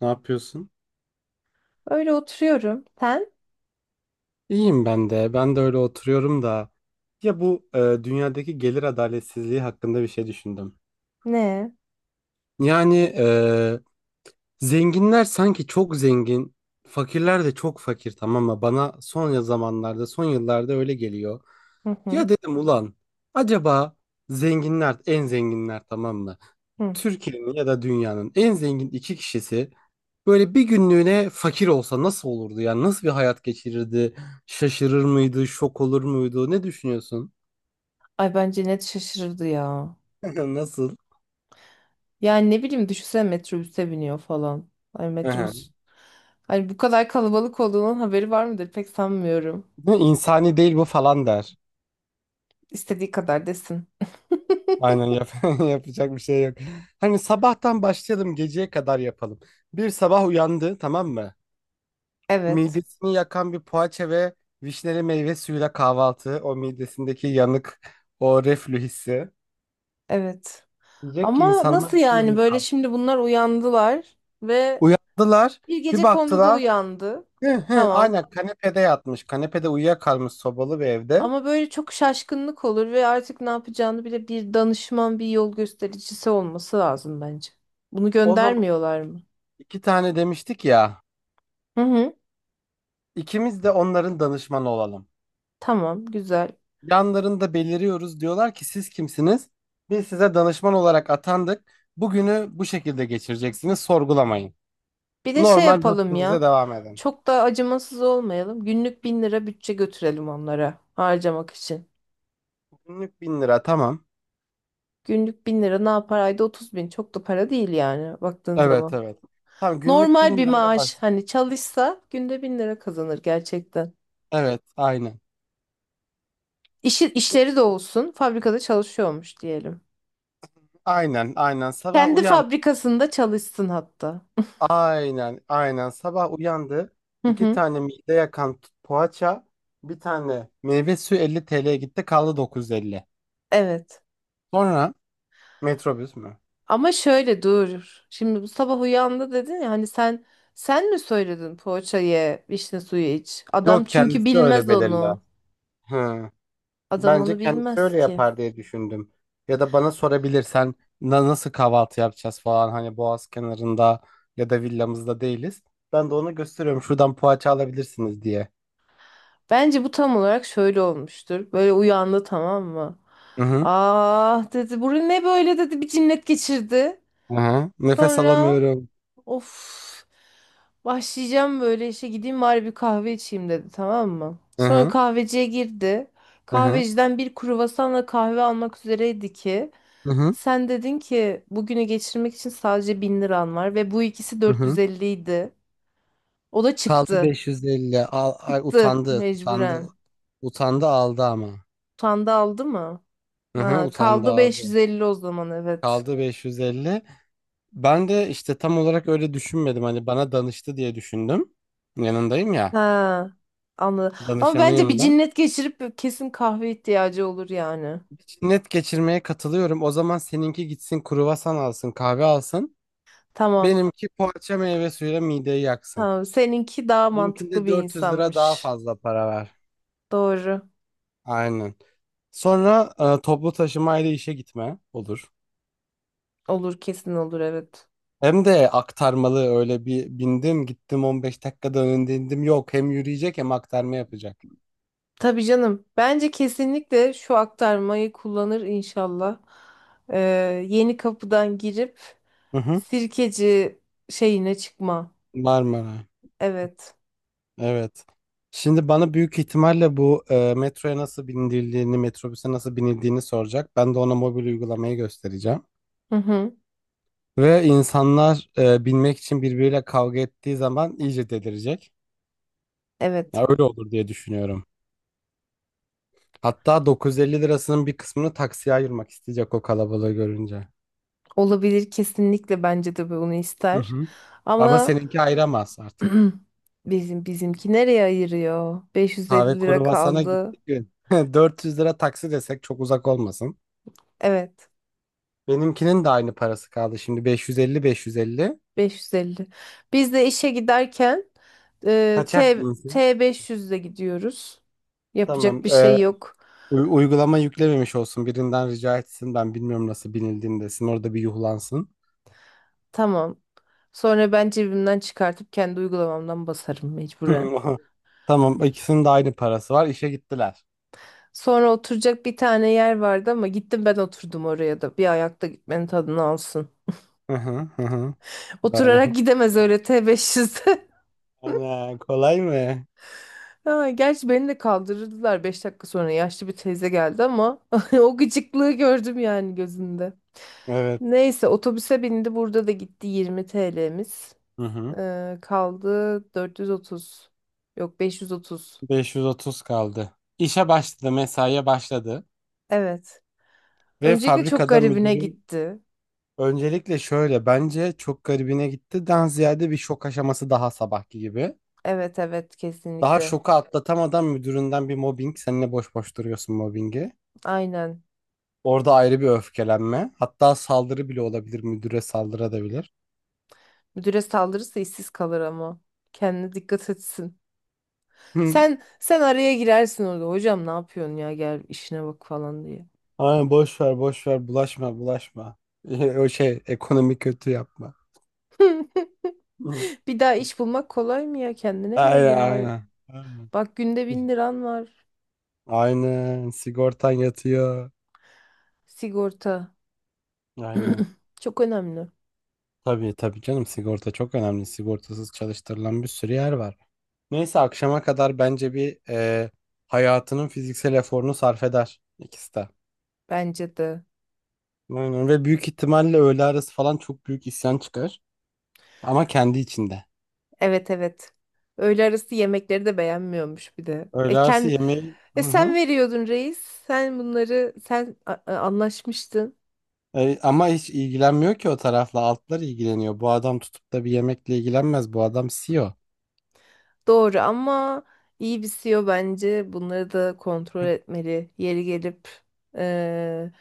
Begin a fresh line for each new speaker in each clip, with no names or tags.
Ne yapıyorsun?
Öyle oturuyorum. Sen?
İyiyim ben de. Ben de öyle oturuyorum da. Ya bu dünyadaki gelir adaletsizliği hakkında bir şey düşündüm.
Ne?
Yani, zenginler sanki çok zengin, fakirler de çok fakir, tamam mı? Bana son zamanlarda, son yıllarda öyle geliyor.
Hı hı.
Ya dedim ulan, acaba zenginler, en zenginler tamam mı?
Hı.
Türkiye'nin ya da dünyanın en zengin iki kişisi böyle bir günlüğüne fakir olsa nasıl olurdu? Yani nasıl bir hayat geçirirdi? Şaşırır mıydı? Şok olur muydu? Ne düşünüyorsun?
Ay bence net şaşırırdı ya.
Nasıl?
Yani ne bileyim düşünsene metrobüse biniyor falan. Ay,
Aha.
metrobüs. Hani bu kadar kalabalık olduğunun haberi var mıdır? Pek sanmıyorum.
Bu insani değil bu falan der.
İstediği kadar desin.
Aynen yap yapacak bir şey yok. Hani sabahtan başlayalım, geceye kadar yapalım. Bir sabah uyandı tamam mı?
Evet.
Midesini yakan bir poğaça ve vişneli meyve suyuyla kahvaltı. O midesindeki yanık, o reflü hissi.
Evet.
Diyecek ki
Ama
insanlar
nasıl
bununla
yani,
mı
böyle
kaldı?
şimdi bunlar uyandılar ve
Uyandılar,
bir
bir
gece konuda da
baktılar.
uyandı.
Hı hı,
Tamam.
aynen kanepede yatmış. Kanepede uyuyakalmış sobalı bir evde.
Ama böyle çok şaşkınlık olur ve artık ne yapacağını bile bir danışman, bir yol göstericisi olması lazım bence. Bunu
O zaman
göndermiyorlar mı?
iki tane demiştik ya.
Hı hı.
İkimiz de onların danışmanı olalım.
Tamam, güzel.
Yanlarında beliriyoruz. Diyorlar ki siz kimsiniz? Biz size danışman olarak atandık. Bugünü bu şekilde geçireceksiniz. Sorgulamayın.
Bir de şey
Normal
yapalım
rutininize
ya.
devam edin.
Çok da acımasız olmayalım. Günlük 1.000 lira bütçe götürelim onlara harcamak için.
Günlük 1.000 lira tamam.
Günlük 1.000 lira ne yapar? Ayda 30 bin. Çok da para değil yani baktığın
Evet
zaman.
evet. Tamam, günlük
Normal
bin
bir
lirayla
maaş.
başla.
Hani çalışsa günde 1.000 lira kazanır gerçekten.
Evet aynen.
İşi, işleri de olsun. Fabrikada çalışıyormuş diyelim.
Aynen aynen sabah
Kendi
uyandı.
fabrikasında çalışsın hatta.
Aynen aynen sabah uyandı.
Hı
İki
hı.
tane mide yakan poğaça. Bir tane meyve suyu 50 TL'ye gitti, kaldı 950.
Evet.
Sonra metrobüs mü?
Ama şöyle dur. Şimdi bu sabah uyandı dedin ya, hani sen mi söyledin poğaça ye, vişne suyu iç? Adam
Yok,
çünkü
kendisi öyle
bilmez
belirler.
onu.
Hı.
Adam
Bence
onu
kendisi
bilmez
öyle
ki.
yapar diye düşündüm. Ya da bana sorabilirsen, nasıl kahvaltı yapacağız" falan, hani Boğaz kenarında ya da villamızda değiliz. Ben de ona gösteriyorum şuradan poğaça alabilirsiniz diye.
Bence bu tam olarak şöyle olmuştur. Böyle uyandı, tamam mı?
Hı hı.
Ah dedi. Bu ne böyle dedi, bir cinnet geçirdi.
Hı hı. Nefes
Sonra.
alamıyorum.
Of. Başlayacağım böyle, işe gideyim bari bir kahve içeyim dedi, tamam mı?
Hı
Sonra
hı.
kahveciye girdi.
Hı hı.
Kahveciden bir kruvasanla kahve almak üzereydi ki
Hı hı.
sen dedin ki bugünü geçirmek için sadece 1.000 liran var ve bu ikisi
Hı hı.
450 idi. O da
Kaldı
çıktı.
550. Al, ay,
Çıktı
utandı. Utandı.
mecburen.
Utandı aldı ama.
Utandı aldı mı?
Hı hı,
Ha,
utandı
kaldı
aldı.
550 o zaman, evet.
Kaldı 550. Ben de işte tam olarak öyle düşünmedim. Hani bana danıştı diye düşündüm. Yanındayım ya.
Ha, anladım. Ama bence bir
Danışanıyım ben.
cinnet geçirip kesin kahve ihtiyacı olur yani.
Hiç net geçirmeye katılıyorum. O zaman seninki gitsin kruvasan alsın, kahve alsın.
Tamam.
Benimki poğaça meyve suyuyla mideyi yaksın.
Tamam, seninki daha mantıklı
Benimkinde
bir
400 lira daha
insanmış.
fazla para ver.
Doğru.
Aynen. Sonra toplu taşımayla işe gitme olur.
Olur, kesin olur, evet.
Hem de aktarmalı, öyle bir bindim gittim 15 dakikada önünde indim. Yok, hem yürüyecek hem aktarma yapacak.
Tabii canım. Bence kesinlikle şu aktarmayı kullanır inşallah. Ee, Yeni kapıdan girip
Hı hı.
sirkeci şeyine çıkma.
Marmara.
Evet.
Evet. Şimdi bana büyük ihtimalle bu metroya nasıl binildiğini, metrobüse nasıl binildiğini soracak. Ben de ona mobil uygulamayı göstereceğim.
Hı hı.
Ve insanlar binmek için birbiriyle kavga ettiği zaman iyice delirecek.
Evet.
Ya öyle olur diye düşünüyorum. Hatta 950 lirasının bir kısmını taksiye ayırmak isteyecek o kalabalığı görünce.
Olabilir, kesinlikle bence de bunu
Hı
ister.
hı. Ama
Ama
seninki ayıramaz artık.
bizimki nereye ayırıyor?
Kahve
550 lira
kuruvasana
kaldı.
gittik gün. 400 lira taksi desek çok uzak olmasın.
Evet.
Benimkinin de aynı parası kaldı, şimdi beş beş yüz elli beş yüz 550.
550. Biz de işe giderken
Kaçak binsin.
T500'le gidiyoruz. Yapacak
Tamam.
bir şey yok.
Uygulama yüklememiş olsun. Birinden rica etsin. Ben bilmiyorum nasıl binildiğini desin. Orada bir yuhlansın.
Tamam. Sonra ben cebimden çıkartıp kendi uygulamamdan basarım mecburen.
Tamam. ikisinin de aynı parası var. İşe gittiler.
Sonra oturacak bir tane yer vardı ama gittim ben oturdum oraya da. Bir ayakta gitmenin tadını alsın.
Hı hı hı. Hı. Doğru.
Oturarak gidemez öyle T500.
Ana, kolay mı?
Ha, gerçi beni de kaldırırdılar 5 dakika sonra. Yaşlı bir teyze geldi ama o gıcıklığı gördüm yani gözünde.
Evet.
Neyse, otobüse bindi. Burada da gitti 20 TL'miz.
Hı hı.
Kaldı 430. Yok, 530.
530 kaldı. İşe başladı, mesaiye başladı.
Evet.
Ve
Öncelikle çok
fabrikada
garibine
müdürü
gitti.
öncelikle şöyle, bence çok garibine gitti. Daha ziyade bir şok aşaması, daha sabahki gibi.
Evet, evet,
Daha
kesinlikle.
şoku atlatamadan müdüründen bir mobbing. Seninle boş boş duruyorsun mobbingi.
Aynen.
Orada ayrı bir öfkelenme. Hatta saldırı bile olabilir. Müdüre saldırabilir.
Müdüre saldırırsa işsiz kalır ama. Kendine dikkat etsin.
Hı.
Sen araya girersin orada. Hocam ne yapıyorsun ya, gel işine bak falan diye.
Aynen boş ver boş ver, bulaşma bulaşma. O şey, ekonomi kötü, yapma. Hı.
Bir daha iş bulmak kolay mı ya? Kendine gel
Aynen
ya.
aynen. Aynen.
Bak, günde 1.000 liran var.
Aynen sigortan yatıyor.
Sigorta.
Aynen.
Çok önemli.
Tabii tabii canım, sigorta çok önemli. Sigortasız çalıştırılan bir sürü yer var. Neyse, akşama kadar bence bir hayatının fiziksel eforunu sarf eder ikisi de.
Bence de.
Aynen. Ve büyük ihtimalle öğle arası falan çok büyük isyan çıkar. Ama kendi içinde.
Evet, evet. Öğle arası yemekleri de beğenmiyormuş bir de. E,
Öğle arası
kend...
yemeği...
e
Hı
Sen
hı.
veriyordun reis. Sen bunları anlaşmıştın.
E, ama hiç ilgilenmiyor ki o tarafla. Altlar ilgileniyor. Bu adam tutup da bir yemekle ilgilenmez. Bu adam CEO.
Doğru ama iyi bir C E O bence bunları da kontrol etmeli. Yeri gelip eee,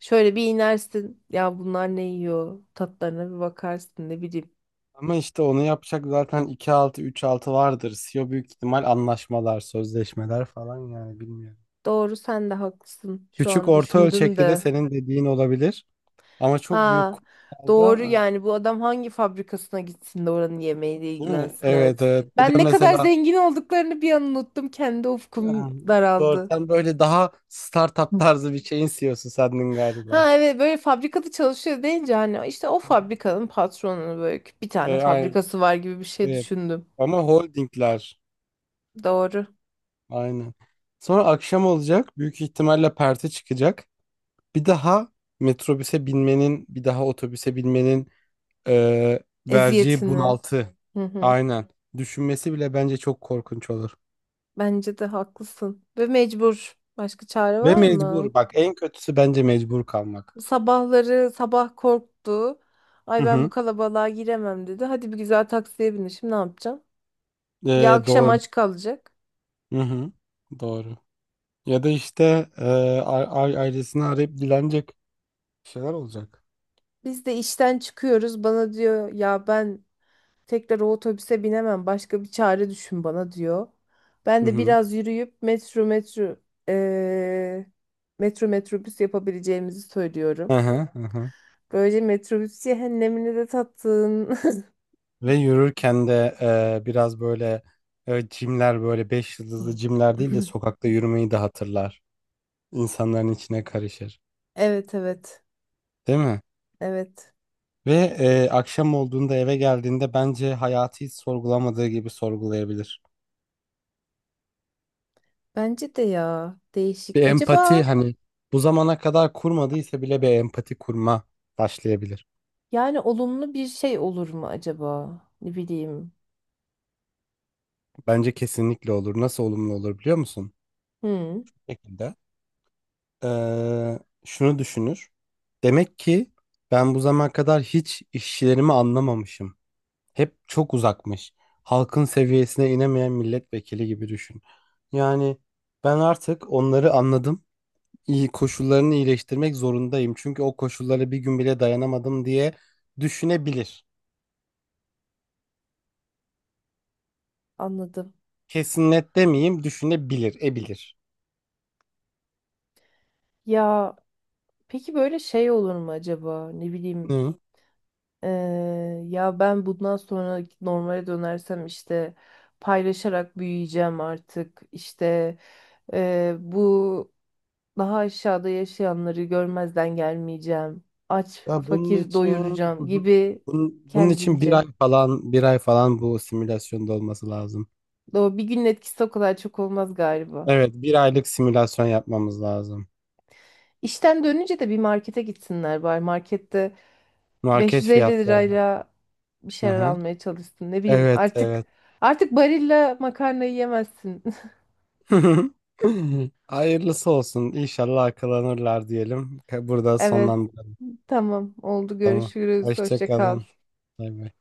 şöyle bir inersin. Ya bunlar ne yiyor? Tatlarına bir bakarsın, ne bileyim.
Ama işte onu yapacak zaten iki altı üç altı vardır. CEO büyük ihtimal anlaşmalar, sözleşmeler falan, yani bilmiyorum.
Doğru, sen de haklısın. Şu
Küçük
an
orta
düşündüm
ölçekli de
de.
senin dediğin olabilir. Ama çok büyük
Ha, doğru
kurumsalda,
yani. Bu adam hangi fabrikasına gitsin de oranın yemeğiyle
değil mi?
ilgilensin, evet.
Evet evet. Bir
Ben
de
ne kadar
mesela,
zengin olduklarını bir an unuttum. Kendi
e,
ufkum
doğru,
daraldı.
sen böyle daha startup
Hı.
tarzı bir şeyin CEO'su sendin galiba.
Ha, evet, böyle fabrikada çalışıyor deyince hani işte o fabrikanın patronunu böyle bir tane
E, ay-
fabrikası var gibi bir şey
evet.
düşündüm.
Ama holdingler.
Doğru.
Aynen. Sonra akşam olacak. Büyük ihtimalle perte çıkacak. Bir daha metrobüse binmenin, bir daha otobüse binmenin e, vereceği
Eziyetini.
bunaltı.
Hı hı.
Aynen. Düşünmesi bile bence çok korkunç olur.
Bence de haklısın. Ve mecbur. Başka çare
Ve
var mı?
mecbur. Bak, en kötüsü bence mecbur kalmak.
Sabahları sabah korktu.
Hı
Ay ben bu
hı.
kalabalığa giremem dedi. Hadi bir güzel taksiye bindi. Şimdi ne yapacağım? Ya
E,
akşam
doğru.
aç kalacak.
Hı hı. Doğru. Ya da işte, ailesini arayıp dilenecek şeyler olacak.
Biz de işten çıkıyoruz. Bana diyor ya, ben tekrar o otobüse binemem. Başka bir çare düşün bana diyor. Ben
Hı
de
hı.
biraz yürüyüp eee, metrobüs yapabileceğimizi söylüyorum.
Hı hı. Hı hı.
Böylece metrobüs cehennemini de tattın.
Ve yürürken de biraz böyle cimler, böyle beş yıldızlı cimler değil de sokakta yürümeyi de hatırlar. İnsanların içine karışır.
Evet, evet,
Değil mi?
evet.
Ve akşam olduğunda eve geldiğinde bence hayatı hiç sorgulamadığı gibi sorgulayabilir.
Bence de ya,
Bir
değişik.
empati,
Acaba,
hani bu zamana kadar kurmadıysa bile bir empati kurma başlayabilir.
yani olumlu bir şey olur mu acaba? Ne bileyim.
Bence kesinlikle olur. Nasıl olumlu olur biliyor musun?
Hı,
Bu şekilde. eee, Şunu düşünür. Demek ki ben bu zamana kadar hiç işçilerimi anlamamışım. Hep çok uzakmış. Halkın seviyesine inemeyen milletvekili gibi düşün. Yani ben artık onları anladım. İyi koşullarını iyileştirmek zorundayım. Çünkü o koşullara bir gün bile dayanamadım diye düşünebilir.
anladım.
Kesin net demeyeyim, düşünebilir, ebilir.
Ya peki böyle şey olur mu acaba? Ne bileyim.
Hı.
Ee, Ya ben bundan sonra normale dönersem işte paylaşarak büyüyeceğim artık. İşte bu daha aşağıda yaşayanları görmezden gelmeyeceğim. Aç,
Ya bunun
fakir
için, hı
doyuracağım
hı,
gibi
bunun için bir
kendince.
ay falan, 1 ay falan bu simülasyonda olması lazım.
O bir günün etkisi o kadar çok olmaz galiba.
Evet, 1 aylık simülasyon yapmamız lazım.
İşten dönünce de bir markete gitsinler bari. Markette
Market
550
fiyatları.
lirayla bir
Hı
şeyler
hı.
almaya çalışsın. Ne bileyim,
Evet,
artık
evet.
artık Barilla makarnayı yemezsin.
Hayırlısı olsun. İnşallah akılanırlar diyelim. Burada
Evet,
sonlandıralım.
tamam, oldu,
Tamam.
görüşürüz.
Hoşça
Hoşça kal.
kalın. Bay bay.